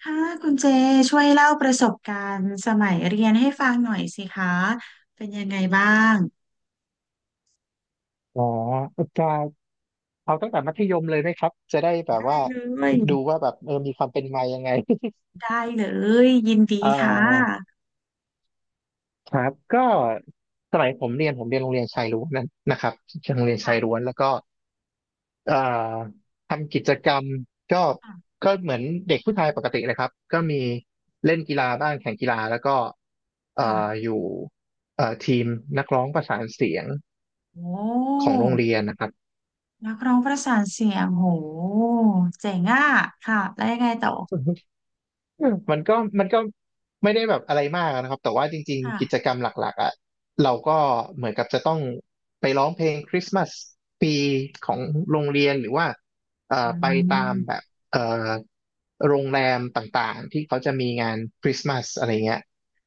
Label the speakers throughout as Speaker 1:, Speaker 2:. Speaker 1: ค่ะคุณเจช่วยเล่าประสบการณ์สมัยเรียนให้ฟังหน่อยสิคะเป็นยังไงบ้าง
Speaker 2: อ๋อจะเอาตั้งแต่มัธยมเลยไหมครับจะได้แบบ
Speaker 1: ได้
Speaker 2: ว่า
Speaker 1: เลย
Speaker 2: ดูว่าแบบมีความเป็นมายังไง
Speaker 1: ได้เลยยินดี
Speaker 2: เอ่
Speaker 1: ค่ะ
Speaker 2: อครับก็สมัยผมเรียนโรงเรียนชายล้วนนั้นนะครับโรงเรียนชายล้ว
Speaker 1: ค่ะ
Speaker 2: นแล้วก็เอ่อทำกิจกรรมก็
Speaker 1: ค่ะ
Speaker 2: ก็เหมือนเด็กผู้ชายปกติเลยครับก็มีเล่นกีฬาบ้างแข่งกีฬาแล้วก็เอ่
Speaker 1: ค่ะ
Speaker 2: ออยู่ทีมนักร้องประสานเสียง
Speaker 1: โอ้
Speaker 2: ของโรงเรียนนะครับ
Speaker 1: นักร้องประสานเสียงโหเจ๋งอ่ะค่ะแล้วยังไงต่อ
Speaker 2: อืมมันก็ไม่ได้แบบอะไรมากนะครับแต่ว่าจริงๆกิจ
Speaker 1: ค่ะ
Speaker 2: กรรมหลักๆอ่ะเราก็เหมือนกับจะต้องไปร้องเพลงคริสต์มาสปีของโรงเรียนหรือว่า
Speaker 1: อื
Speaker 2: ไปตามแบ
Speaker 1: ม
Speaker 2: บเอ่อโรงแรมต่างๆที่เขาจะมีงานคริสต์มาสอะไรเงี้ย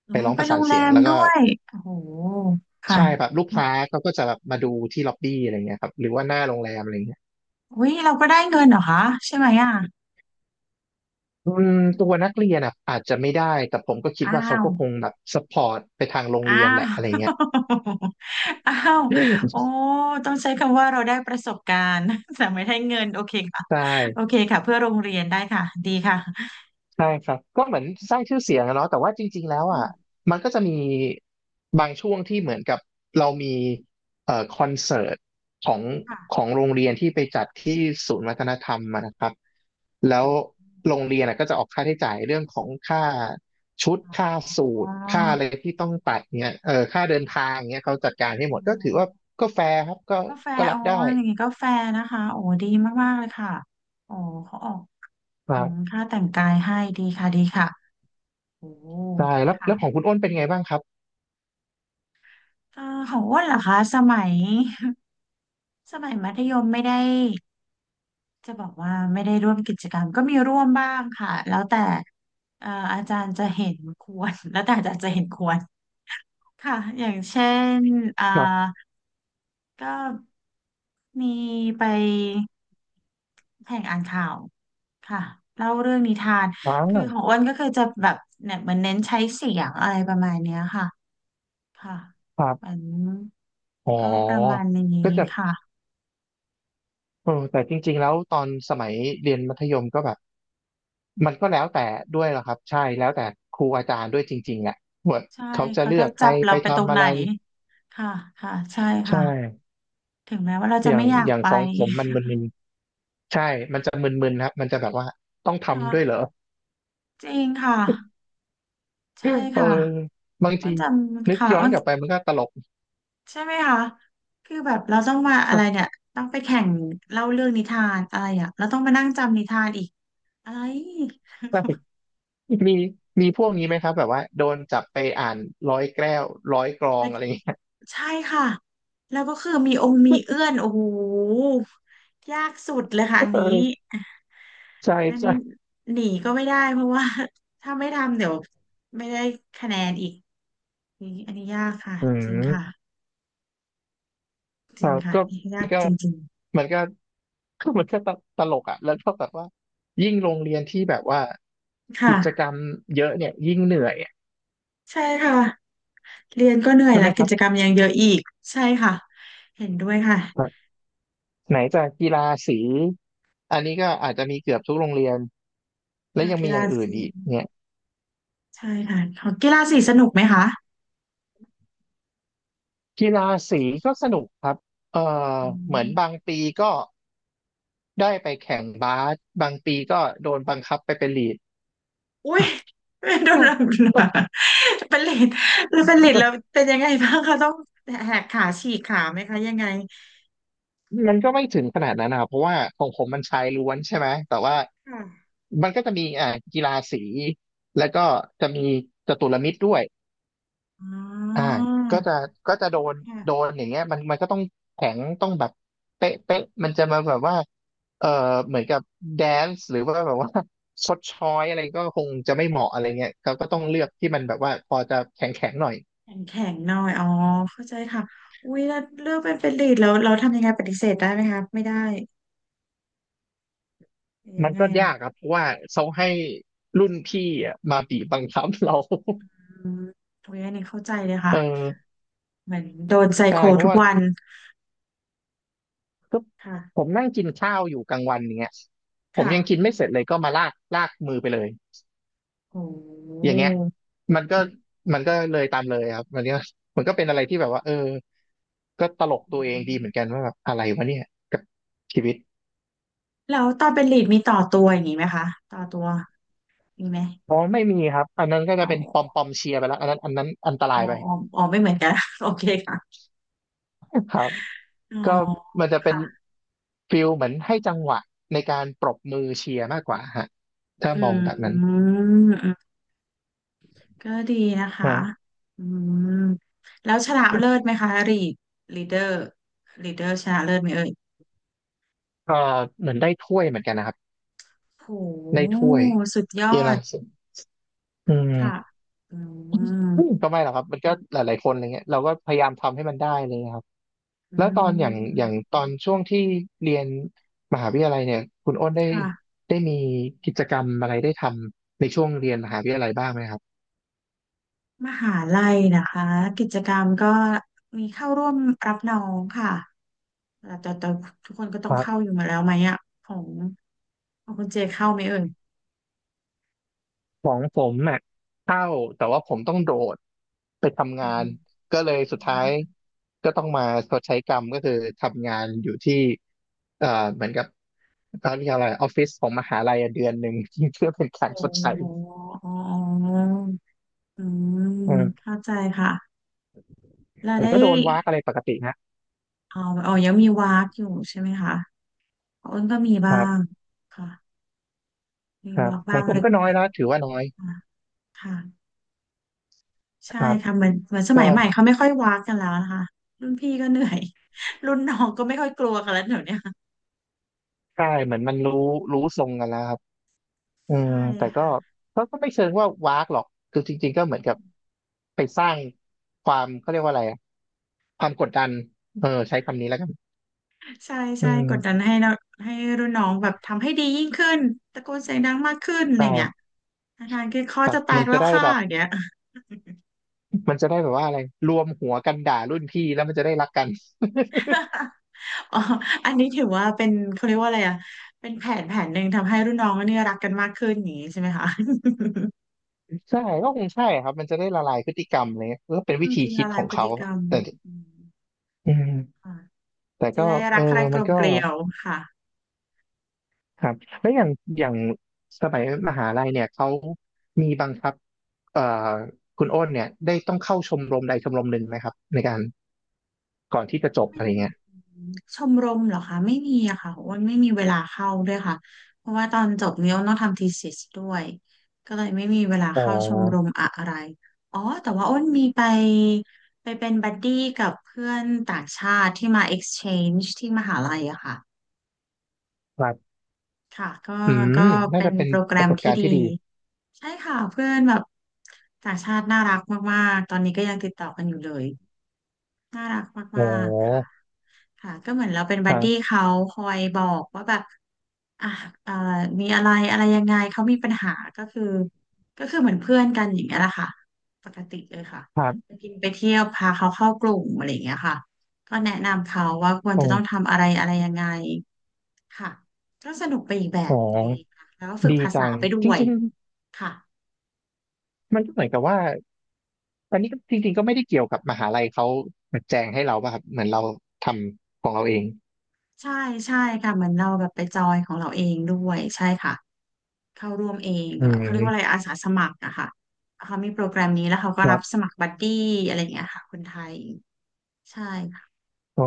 Speaker 1: โอ้
Speaker 2: ไปร้อง
Speaker 1: ไป
Speaker 2: ประ
Speaker 1: โร
Speaker 2: สาน
Speaker 1: งแร
Speaker 2: เสียง
Speaker 1: ม
Speaker 2: แล้ว
Speaker 1: ด้
Speaker 2: ก็
Speaker 1: วยโอ้โหค่ะ
Speaker 2: ใช่แบบลูกค้าเขาก็จะแบบมาดูที่ล็อบบี้อะไรเงี้ยครับหรือว่าหน้าโรงแรมอะไรเงี้ย
Speaker 1: อุ้ยเราก็ได้เงินเหรอคะใช่ไหมอ่ะ
Speaker 2: อืมตัวนักเรียนอ่ะอาจจะไม่ได้แต่ผมก็คิด
Speaker 1: อ้า
Speaker 2: ว่าเขา
Speaker 1: ว
Speaker 2: ก็คงแบบสปอร์ตไปทางโรง
Speaker 1: อ้า
Speaker 2: เรียนแห
Speaker 1: ว
Speaker 2: ละอะไรเงี้ย
Speaker 1: อ้าวโอ้
Speaker 2: ใช
Speaker 1: ต้องใช้คำว่าเราได้ประสบการณ์ แต่ไม่ได้เงินโอเคค่ะโอ
Speaker 2: ่
Speaker 1: เคค่ะเพื่อโรงเรียนได้ค่ะดีค่ะ
Speaker 2: ใช่ครับก็เหมือนสร้างชื่อเสียงอะเนาะแต่ว่าจริงๆแล้ว
Speaker 1: อื
Speaker 2: อ่ะ
Speaker 1: ม
Speaker 2: มันก็จะมีบางช่วงที่เหมือนกับเรามีคอนเสิร์ตของของ
Speaker 1: ค่ะ
Speaker 2: โรงเรียนที่ไปจัดที่ศูนย์วัฒนธรรมอะนะครับแล้
Speaker 1: โอ
Speaker 2: ว
Speaker 1: ้
Speaker 2: โรงเรียนอะก็จะออกค่าใช้จ่ายเรื่องของค่าชุดค่าสู
Speaker 1: อ๋อ
Speaker 2: ทค่าอะไรที่ต้องตัดเนี่ยค่าเดินทางเนี่ยเขาจัดการให้
Speaker 1: อ๋
Speaker 2: หมดก็ถือว่า
Speaker 1: อ
Speaker 2: ก็แฟร์ครับก็
Speaker 1: ก็แฟ
Speaker 2: ก็
Speaker 1: ร์
Speaker 2: รั
Speaker 1: อ๋อ
Speaker 2: บได้
Speaker 1: อย่างงี้ก็แฟร์นะคะโอ้ดีมากๆเลยค่ะโอ้เขาออก
Speaker 2: ค
Speaker 1: อื
Speaker 2: รั
Speaker 1: ม
Speaker 2: บ
Speaker 1: ค่าแต่งกายให้ดีค่ะดีค่ะโอ้
Speaker 2: ใช่แล้ว
Speaker 1: ค่ะ
Speaker 2: แล้วของคุณอ้นเป็นไงบ้างครับ
Speaker 1: เอ่อของอ้วนเหรอคะสมัย สมัยมัธยมไม่ได้ จะบอกว่าไม่ได้ร่วมกิจกรรมก็มีร่วมบ้างค่ะแล้วแต่อาจารย์จะเห็นควร แล้วแต่อาจารย์จะเห็นควรค่ะอย่างเช่นอ่า
Speaker 2: ครับ
Speaker 1: ก็มีไปแข่งอ่านข่าวค่ะเล่าเรื่องนิทาน
Speaker 2: ว้าว
Speaker 1: คือของอ้วนก็คือจะแบบเนี่ยเหมือนเน้นใช้เสียงอะไรประมาณเนี้ยค่ะค่ะ
Speaker 2: ครั
Speaker 1: เหมื
Speaker 2: บ
Speaker 1: อน
Speaker 2: อ๋
Speaker 1: ก็ประมา
Speaker 2: อ
Speaker 1: ณ
Speaker 2: ก็
Speaker 1: นี้
Speaker 2: จะ
Speaker 1: ค่ะ
Speaker 2: แต่จริงๆแล้วตอนสมัยเรียนมัธยมก็แบบมันก็แล้วแต่ด้วยเหรอครับใช่แล้วแต่ครูอาจารย์ด้วยจริงๆแหละว่า
Speaker 1: ใช่
Speaker 2: เขาจะ
Speaker 1: เขา
Speaker 2: เลื
Speaker 1: จะ
Speaker 2: อกใค
Speaker 1: จั
Speaker 2: ร
Speaker 1: บเรา
Speaker 2: ไป
Speaker 1: ไปตรง
Speaker 2: ทำอะ
Speaker 1: ไหน
Speaker 2: ไร
Speaker 1: ค่ะค่ะใช่
Speaker 2: ใช่
Speaker 1: ค่ะ ถึงแม้ว่าเราจะ
Speaker 2: อย่า
Speaker 1: ไม่
Speaker 2: ง
Speaker 1: อยาก
Speaker 2: อย่าง
Speaker 1: ไป
Speaker 2: ของผมมันมึนๆใช่มันจะมึนๆครับมันจะแบบว่าต้อง ทำด้วย
Speaker 1: ค่ะ
Speaker 2: เหรอ
Speaker 1: จริงค่ะ ใช่
Speaker 2: เออ
Speaker 1: ค่ะ
Speaker 2: บาง
Speaker 1: อ้น
Speaker 2: ที
Speaker 1: จำ
Speaker 2: นึก
Speaker 1: ค่ะ
Speaker 2: ย้อ
Speaker 1: อ้
Speaker 2: น
Speaker 1: น
Speaker 2: กลับไปมันก็ตลก
Speaker 1: ใช่ไหมคะคือแบบเราต้องมาอะไรเนี่ยต้องไปแข่งเล่าเรื่องนิทานอะไรอ่ะเราต้องมานั่งจำนิทานอีกอะไร
Speaker 2: ใช่มีมีพวกนี้ไหมครับแบบว่าโดนจับไปอ่านร้อยแก้วร้อยกรอ
Speaker 1: มั
Speaker 2: ง
Speaker 1: น
Speaker 2: อะไรอย่างเงี้ย
Speaker 1: ใช่ค่ะแล้วก็คือมีองค์มีเอื้อ นโอ้โหยากสุดเลยค่ะ
Speaker 2: เอ
Speaker 1: อันนี้
Speaker 2: อใช่
Speaker 1: อัน
Speaker 2: ใช่
Speaker 1: นี้หนีก็ไม่ได้เพราะว่า ถ้าไม่ทำเดี๋ยวไม่ได้คะแนนอีกนี่อันนี้ยากค่ะ
Speaker 2: อื
Speaker 1: จริง
Speaker 2: ม
Speaker 1: ค่ะ จ
Speaker 2: ค
Speaker 1: ริ
Speaker 2: รั
Speaker 1: ง
Speaker 2: บ
Speaker 1: ค่ะ
Speaker 2: ก็
Speaker 1: ยา
Speaker 2: มั
Speaker 1: ก
Speaker 2: นก็
Speaker 1: จริง
Speaker 2: มันก็ คือมันก็ตลกอ่ะแล้วเท่ากับว่ายิ่งโรงเรียนที่แบบว่า
Speaker 1: ๆค่ะ
Speaker 2: กิจกรรมเยอะเนี่ยยิ่งเหนื่อยอะ
Speaker 1: ใช่ค่ะเรียนก็เหนื่อย
Speaker 2: ใช่ไห
Speaker 1: แล้
Speaker 2: ม
Speaker 1: ว
Speaker 2: ค
Speaker 1: กิ
Speaker 2: รับ
Speaker 1: จกรรมยังเยอะอีกใช่ค่ะเห็นด้วยค่ะ
Speaker 2: ไหนจะกีฬาสีอันนี้ก็อาจจะมีเกือบทุกโรงเรียนและ
Speaker 1: อ่า
Speaker 2: ยัง
Speaker 1: กี
Speaker 2: มีอ
Speaker 1: ฬา
Speaker 2: ย่างอื่น
Speaker 1: สี
Speaker 2: อีกเนี่ย
Speaker 1: ใช่ค่ะของกีฬาสีสนุกไหมคะ
Speaker 2: กีฬาสีก็สนุกครับเอ่อ
Speaker 1: อื
Speaker 2: เหมือนบาง
Speaker 1: ม
Speaker 2: ปีก็ได้ไปแข่งบาสบางปีก็โดนบังคับไปเป็นลีด
Speaker 1: อุ้ยโดนรับเป็นเลดแล้วเป็นเลดแล้ว เป็นยังไงบ้างคะต้องแหกขาฉีกขาไหมคะยังไง
Speaker 2: มันก็ไม่ถึงขนาดนั้นนะครับเพราะว่าของผมมันชายล้วนใช่ไหมแต่ว่า
Speaker 1: ค่ะ
Speaker 2: มันก็จะมีอ่ากีฬาสีแล้วก็จะมีจตุรมิตรด้วย
Speaker 1: อ๋
Speaker 2: อ่า
Speaker 1: อ
Speaker 2: ก็จะก็จะโดนโด
Speaker 1: ค่ะ
Speaker 2: นอย่างเงี้ยมันก็ต้องแข็งต้องแบบเป๊ะเป๊ะมันจะมาแบบว่าเอ่อเหมือนกับแดนซ์หรือว่าแบบว่า ชดช้อยอะไรก็คงจะไม่เหมาะอะไรเงี้ยเขาก็ต้องเลือกที่มันแบบว่าพอจะแข็งแข็งหน่อย
Speaker 1: แข็งแข็งหน่อยอ๋อเข้าใจค่ะอุ้ยแล้วเลือกเป็นเป็นลีดแล้วเราทำยังไงปฏิเสธได้ไหมคะไม่ได้ ยั
Speaker 2: มั
Speaker 1: ง
Speaker 2: น
Speaker 1: ไง
Speaker 2: ก็
Speaker 1: อ่ะ
Speaker 2: ยากครับเพราะว่าเขาให้รุ่นพี่อะมาบีบบังคับเรา
Speaker 1: อืมโอ้ยอันนี้เข้าใจเลย ค่ะ
Speaker 2: เออ
Speaker 1: เหมือนโดนไซ
Speaker 2: ใช่
Speaker 1: โค
Speaker 2: เพ
Speaker 1: ทุ
Speaker 2: ราะ
Speaker 1: ก
Speaker 2: ว่า
Speaker 1: วัน
Speaker 2: ก็
Speaker 1: ค่ะ
Speaker 2: ผมนั่งกินข้าวอยู่กลางวันอย่างเงี้ยผม
Speaker 1: ค่ะ
Speaker 2: ยังกินไม่เสร็จเลยก็มาลากลากมือไปเลย
Speaker 1: โอ้โห
Speaker 2: อย่างเงี้ยมันก็
Speaker 1: อ
Speaker 2: มันก็เลยตามเลยครับมันก็เป็นอะไรที่แบบว่าก็ตลกตัวเอ
Speaker 1: ื
Speaker 2: งดี
Speaker 1: ม
Speaker 2: เหมือนกันว่าแบบอะไรวะเนี่ยกับชีวิต
Speaker 1: แล้วตอนเป็นลีดมีต่อตัวอย่างนี้ไหมคะต่อตัวมีไหม
Speaker 2: อ๋อไม่มีครับอันนั้นก็
Speaker 1: อ๋
Speaker 2: จะเป็นปอมป
Speaker 1: อ
Speaker 2: อมเชียร์ไปแล้วอันนั้นอันต
Speaker 1: อ๋
Speaker 2: รา
Speaker 1: อ
Speaker 2: ยไป
Speaker 1: อ๋ออ๋อไม่เหมือนกัน โอเคค่ะ
Speaker 2: ครับ
Speaker 1: อ๋อ
Speaker 2: ก็มันจะเป็น
Speaker 1: ค่ะ
Speaker 2: ฟิลเหมือนให้จังหวะในการปรบมือเชียร์มากกว่าฮะถ้า
Speaker 1: อื
Speaker 2: มองแบบนั้น
Speaker 1: มอืมก็ดีนะคะ
Speaker 2: อ่า
Speaker 1: อืมแล้วชนะเลิศไหมคะลีดลีดเดอร์ลีดเดอร์ชนะเลิศไหมเอ่ย
Speaker 2: ก็เหมือนได้ถ้วยเหมือนกันนะครับ
Speaker 1: โ
Speaker 2: ได้
Speaker 1: ห
Speaker 2: ถ้วย
Speaker 1: สุดย
Speaker 2: เย
Speaker 1: อ
Speaker 2: อะ
Speaker 1: ด
Speaker 2: นะสุดอื
Speaker 1: ค่ะ
Speaker 2: ม
Speaker 1: อืม
Speaker 2: อืมก็ไม่หรอกครับมันก็หลายๆคนอะไรเงี้ยเราก็พยายามทำให้มันได้อะไรเลยครับ
Speaker 1: อื
Speaker 2: แล้วตอนอย่างอย่าง
Speaker 1: ม
Speaker 2: ตอนช่วงที่เรียนมหาวิทยาลัยเนี่ยคุณอ้นได้
Speaker 1: ค่ะ
Speaker 2: ได้มีกิจกรรมอะไรได้ทำในช่วงเรียนมหาวิทยาลัยบ้างไหมครับ
Speaker 1: มหาลัยนะคะ กิจกรรมก็มีเข้าร่วมรับน้องค่ะแต่ทุกคนก็ต้องเข้าอยู่มาแล้วไหมอ่ะของของคุณเจเข้าไหมเอ่ย
Speaker 2: ของผมอ่ะเข้าแต่ว่าผมต้องโดดไปทำ
Speaker 1: อื
Speaker 2: งาน
Speaker 1: ม
Speaker 2: ก็เลยสุดท้ายก็ต้องมาชดใช้กรรมก็คือทำงานอยู่ที่เอ่อเหมือนกับเขาเรียกอะไรออฟฟิศของมหาลัยอะเดือนหนึ่ง เพื่อเป็นการ
Speaker 1: โอ้
Speaker 2: ชดใช้
Speaker 1: โหอ๋ออืม
Speaker 2: เออ
Speaker 1: เข้าใจค่ะเรา
Speaker 2: แต่
Speaker 1: ได้
Speaker 2: ก็โดนวากอะไรปกตินะ
Speaker 1: อ๋ออ๋อยังมีวากอยู่ใช่ไหมคะอ้นก็มี
Speaker 2: ค
Speaker 1: บ้า
Speaker 2: รั
Speaker 1: ง
Speaker 2: บ
Speaker 1: ค่ะ มี
Speaker 2: ครับ
Speaker 1: วาก
Speaker 2: ข
Speaker 1: บ้า
Speaker 2: อง
Speaker 1: ง
Speaker 2: ผม
Speaker 1: เล็
Speaker 2: ก็
Speaker 1: ก
Speaker 2: น้อยแล้วถือว่าน้อย
Speaker 1: ๆค่ะ
Speaker 2: ค
Speaker 1: ใช่
Speaker 2: รับ
Speaker 1: ค่ะเหมือนเหมือนสมั
Speaker 2: ก็
Speaker 1: ยใหม่เขาไม่ค่อยวากกันแล้วนะคะรุ่นพี่ก็เหนื่อย รุ่นน้องก็ไม่ค่อยกลัวกันแล้วเดี๋ยวเนี้ย
Speaker 2: ใช่เหมือนมันรู้ทรงกันแล้วครับอืม
Speaker 1: ใช่
Speaker 2: แต่ก็
Speaker 1: ค่ะ
Speaker 2: ก็ไม่เชิงว่าวากหรอกคือจริงๆก็เหมือนกับไปสร้างความเขาเรียกว่าอะไร ความกดดันใช้คำนี้แล้วกัน
Speaker 1: ใช่
Speaker 2: อื
Speaker 1: ใช่
Speaker 2: ม
Speaker 1: กดดันให้เราให้รุ่นน้องแบบทำให้ดียิ่งขึ้นตะโกนเสียงดังมากขึ้นอะไรเงี้ย
Speaker 2: ใช่
Speaker 1: อาจารย์คือคอ
Speaker 2: ครับ
Speaker 1: จะแต
Speaker 2: มั
Speaker 1: ก
Speaker 2: น
Speaker 1: แล้
Speaker 2: จะ
Speaker 1: ว
Speaker 2: ได้
Speaker 1: ค่ะ
Speaker 2: แบบ
Speaker 1: อย่างเงี้ย
Speaker 2: มันจะได้แบบว่าอะไรรวมหัวกันด่ารุ่นพี่แล้วมันจะได้รักกัน
Speaker 1: อ๋ออันนี้ถือว่าเป็นเขาเรียกว่าอะไรอ่ะเป็นแผนแผนหนึ่งทำให้รุ่นน้องเนี่ยรักกันมากขึ้นอย่างนี้ใช่ไหมคะ
Speaker 2: ใช่ก็คงใช่ครับมันจะได้ละลายพฤติกรรมอะไรเลยก็เป็น
Speaker 1: อื
Speaker 2: วิ
Speaker 1: มจ
Speaker 2: ธี
Speaker 1: ริง
Speaker 2: คิ
Speaker 1: ละ
Speaker 2: ดข
Speaker 1: ลาย
Speaker 2: อง
Speaker 1: พฤ
Speaker 2: เขา
Speaker 1: ติกรรม
Speaker 2: แต่
Speaker 1: อืม
Speaker 2: อืม
Speaker 1: ค่ะ
Speaker 2: แต่
Speaker 1: จะ
Speaker 2: ก็
Speaker 1: ได้
Speaker 2: เอ
Speaker 1: รั
Speaker 2: อ
Speaker 1: กใครก
Speaker 2: มั
Speaker 1: ล
Speaker 2: น
Speaker 1: ม
Speaker 2: ก็
Speaker 1: เกลียวค่ะ
Speaker 2: ครับแล้วอย่างอย่างสมัยมหาลัยเนี่ยเขามีบังคับเอ่อคุณอ้นเนี่ยได้ต้องเข้าชมรมใดชมรมหนึ่งไหมครับในการก่อนที่จะจบ
Speaker 1: ไม่
Speaker 2: อะไร
Speaker 1: มี
Speaker 2: เงี้ย
Speaker 1: ชมรมเหรอคะไม่มีอะค่ะอ้วนไม่มีเวลาเข้าด้วยค่ะเพราะว่าตอนจบเนี่ยอ้วนต้องทำ thesis ด้วยก็เลยไม่มีเวลา
Speaker 2: อ๋อ
Speaker 1: เข้าชมรมอะไรอ๋อแต่ว่าอ้วนมีไปไปเป็นบัดดี้กับเพื่อนต่างชาติที่มา exchange ที่มหาลัยอะค่ะ
Speaker 2: ครับ
Speaker 1: ค่ะก็
Speaker 2: อื
Speaker 1: ก็
Speaker 2: มน่า
Speaker 1: เป็น
Speaker 2: จะเป็น
Speaker 1: โปรแกร
Speaker 2: ประ
Speaker 1: ม
Speaker 2: สบ
Speaker 1: ที่
Speaker 2: การณ์
Speaker 1: ดี
Speaker 2: ที่ดี
Speaker 1: ใช่ค่ะเพื่อนแบบต่างชาติน่ารักมากๆตอนนี้ก็ยังติดต่อกันอยู่เลยน่ารัก
Speaker 2: อ๋
Speaker 1: มากๆค่ะ
Speaker 2: อ
Speaker 1: ค่ะก็เหมือนเราเป็น
Speaker 2: ค
Speaker 1: บัด
Speaker 2: รั
Speaker 1: ดี้
Speaker 2: บ
Speaker 1: เขาคอยบอกว่าแบบอ่ะเอ่อมีอะไรอะไรยังไงเขามีปัญหาก็คือก็คือเหมือนเพื่อนกันอย่างเงี้ยแหละค่ะปกติเลยค่ะ
Speaker 2: ครับ
Speaker 1: ไปกินไปเที่ยวพาเขาเข้ากลุ่มอะไรอย่างเงี้ยค่ะก็แนะนำเขาว่าควร
Speaker 2: อ๋อ
Speaker 1: จะต้องทำอะไรอะไรยังไงค่ะก็สนุกไปอีกแบ
Speaker 2: อ๋
Speaker 1: บ
Speaker 2: อ
Speaker 1: ดีค่ะแล้วก็ฝึก
Speaker 2: ดี
Speaker 1: ภาษา
Speaker 2: จัง
Speaker 1: ไปด้
Speaker 2: จ
Speaker 1: วย
Speaker 2: ริง
Speaker 1: ค่ะ
Speaker 2: ๆ มันก็เหมือนกับว่าอันนี้ก็จริงๆก็ไม่ได้เกี่ยวกับมหาลัยเขาแจงให้เราป่ะครับเหมือนเราทำของเราเอง
Speaker 1: ใช่ใช่ค่ะเหมือนเราแบบไปจอยของเราเองด้วยใช่ค่ะ เข้าร่วมเอง
Speaker 2: อื
Speaker 1: แบบเขาเรียกว่าอะไร
Speaker 2: ม
Speaker 1: อาสาสมัครอะค่ะเขามีโปรแกรมนี้แล้วเขาก็
Speaker 2: ค
Speaker 1: รั
Speaker 2: รั
Speaker 1: บส
Speaker 2: บ
Speaker 1: มัครบัดดี้อะไรอย่างเงี้ยค่ะคนไทยใช่ค่ะ
Speaker 2: อ๋อ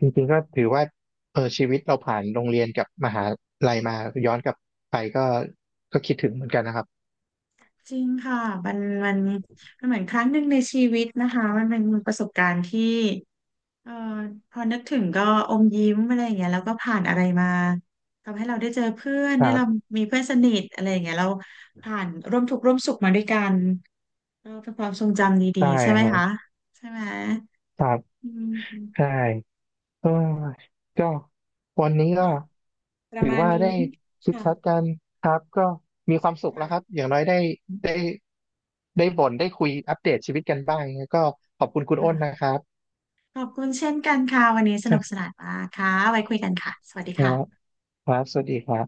Speaker 2: จริงๆก็ถือว่าชีวิตเราผ่านโรงเรียนกับมหาลัยมา ย้อนกลับไปก็ก็คิดถึงเหมือนกันนะครับ
Speaker 1: จริงค่ะมันมันมันเหมือนครั้งหนึ่งในชีวิตนะคะมันเป็นประสบการณ์ที่เอ่อพอนึกถึงก็อมยิ้มอะไรอย่างเงี้ยแล้วก็ผ่านอะไรมาทำให้เราได้เจอเพื่อน
Speaker 2: ค
Speaker 1: ได้
Speaker 2: รั
Speaker 1: เรา
Speaker 2: บ
Speaker 1: มีเพื่อนสนิทอะไรอย่างเงี้ยเราผ่านร่วมทุกข์ร่วมสุขมาด้วยกันเออเป็นความทรงจำดี
Speaker 2: ได้
Speaker 1: ๆใช่ไหม
Speaker 2: ครั
Speaker 1: คะ
Speaker 2: บ
Speaker 1: ใช่ไหม
Speaker 2: ครับ
Speaker 1: อื
Speaker 2: ใช่
Speaker 1: ม
Speaker 2: เออก็วันนี้ก็
Speaker 1: ค่ะ ประ
Speaker 2: ถือ
Speaker 1: มาณ
Speaker 2: ว่าได้
Speaker 1: นี้
Speaker 2: ชิด
Speaker 1: ค่ะ
Speaker 2: ชัดกันครับก็มีความสุขแล้วครับ
Speaker 1: ค่ะ
Speaker 2: อย่างน้อยได้ได้บ่นได้คุยอัปเดตชีวิตกันบ้างก็ขอบคุณคุณอ้นนะ
Speaker 1: ค่ะ
Speaker 2: ครับ
Speaker 1: ขอบคุณเช่นกันค่ะวันนี้ส
Speaker 2: ค
Speaker 1: นุ
Speaker 2: รั
Speaker 1: กส
Speaker 2: บ
Speaker 1: นานมากค่ะไว้คุยกันค่ะสวัสดี
Speaker 2: แล้ว
Speaker 1: ค่ะ
Speaker 2: ครับสวัสดีครับ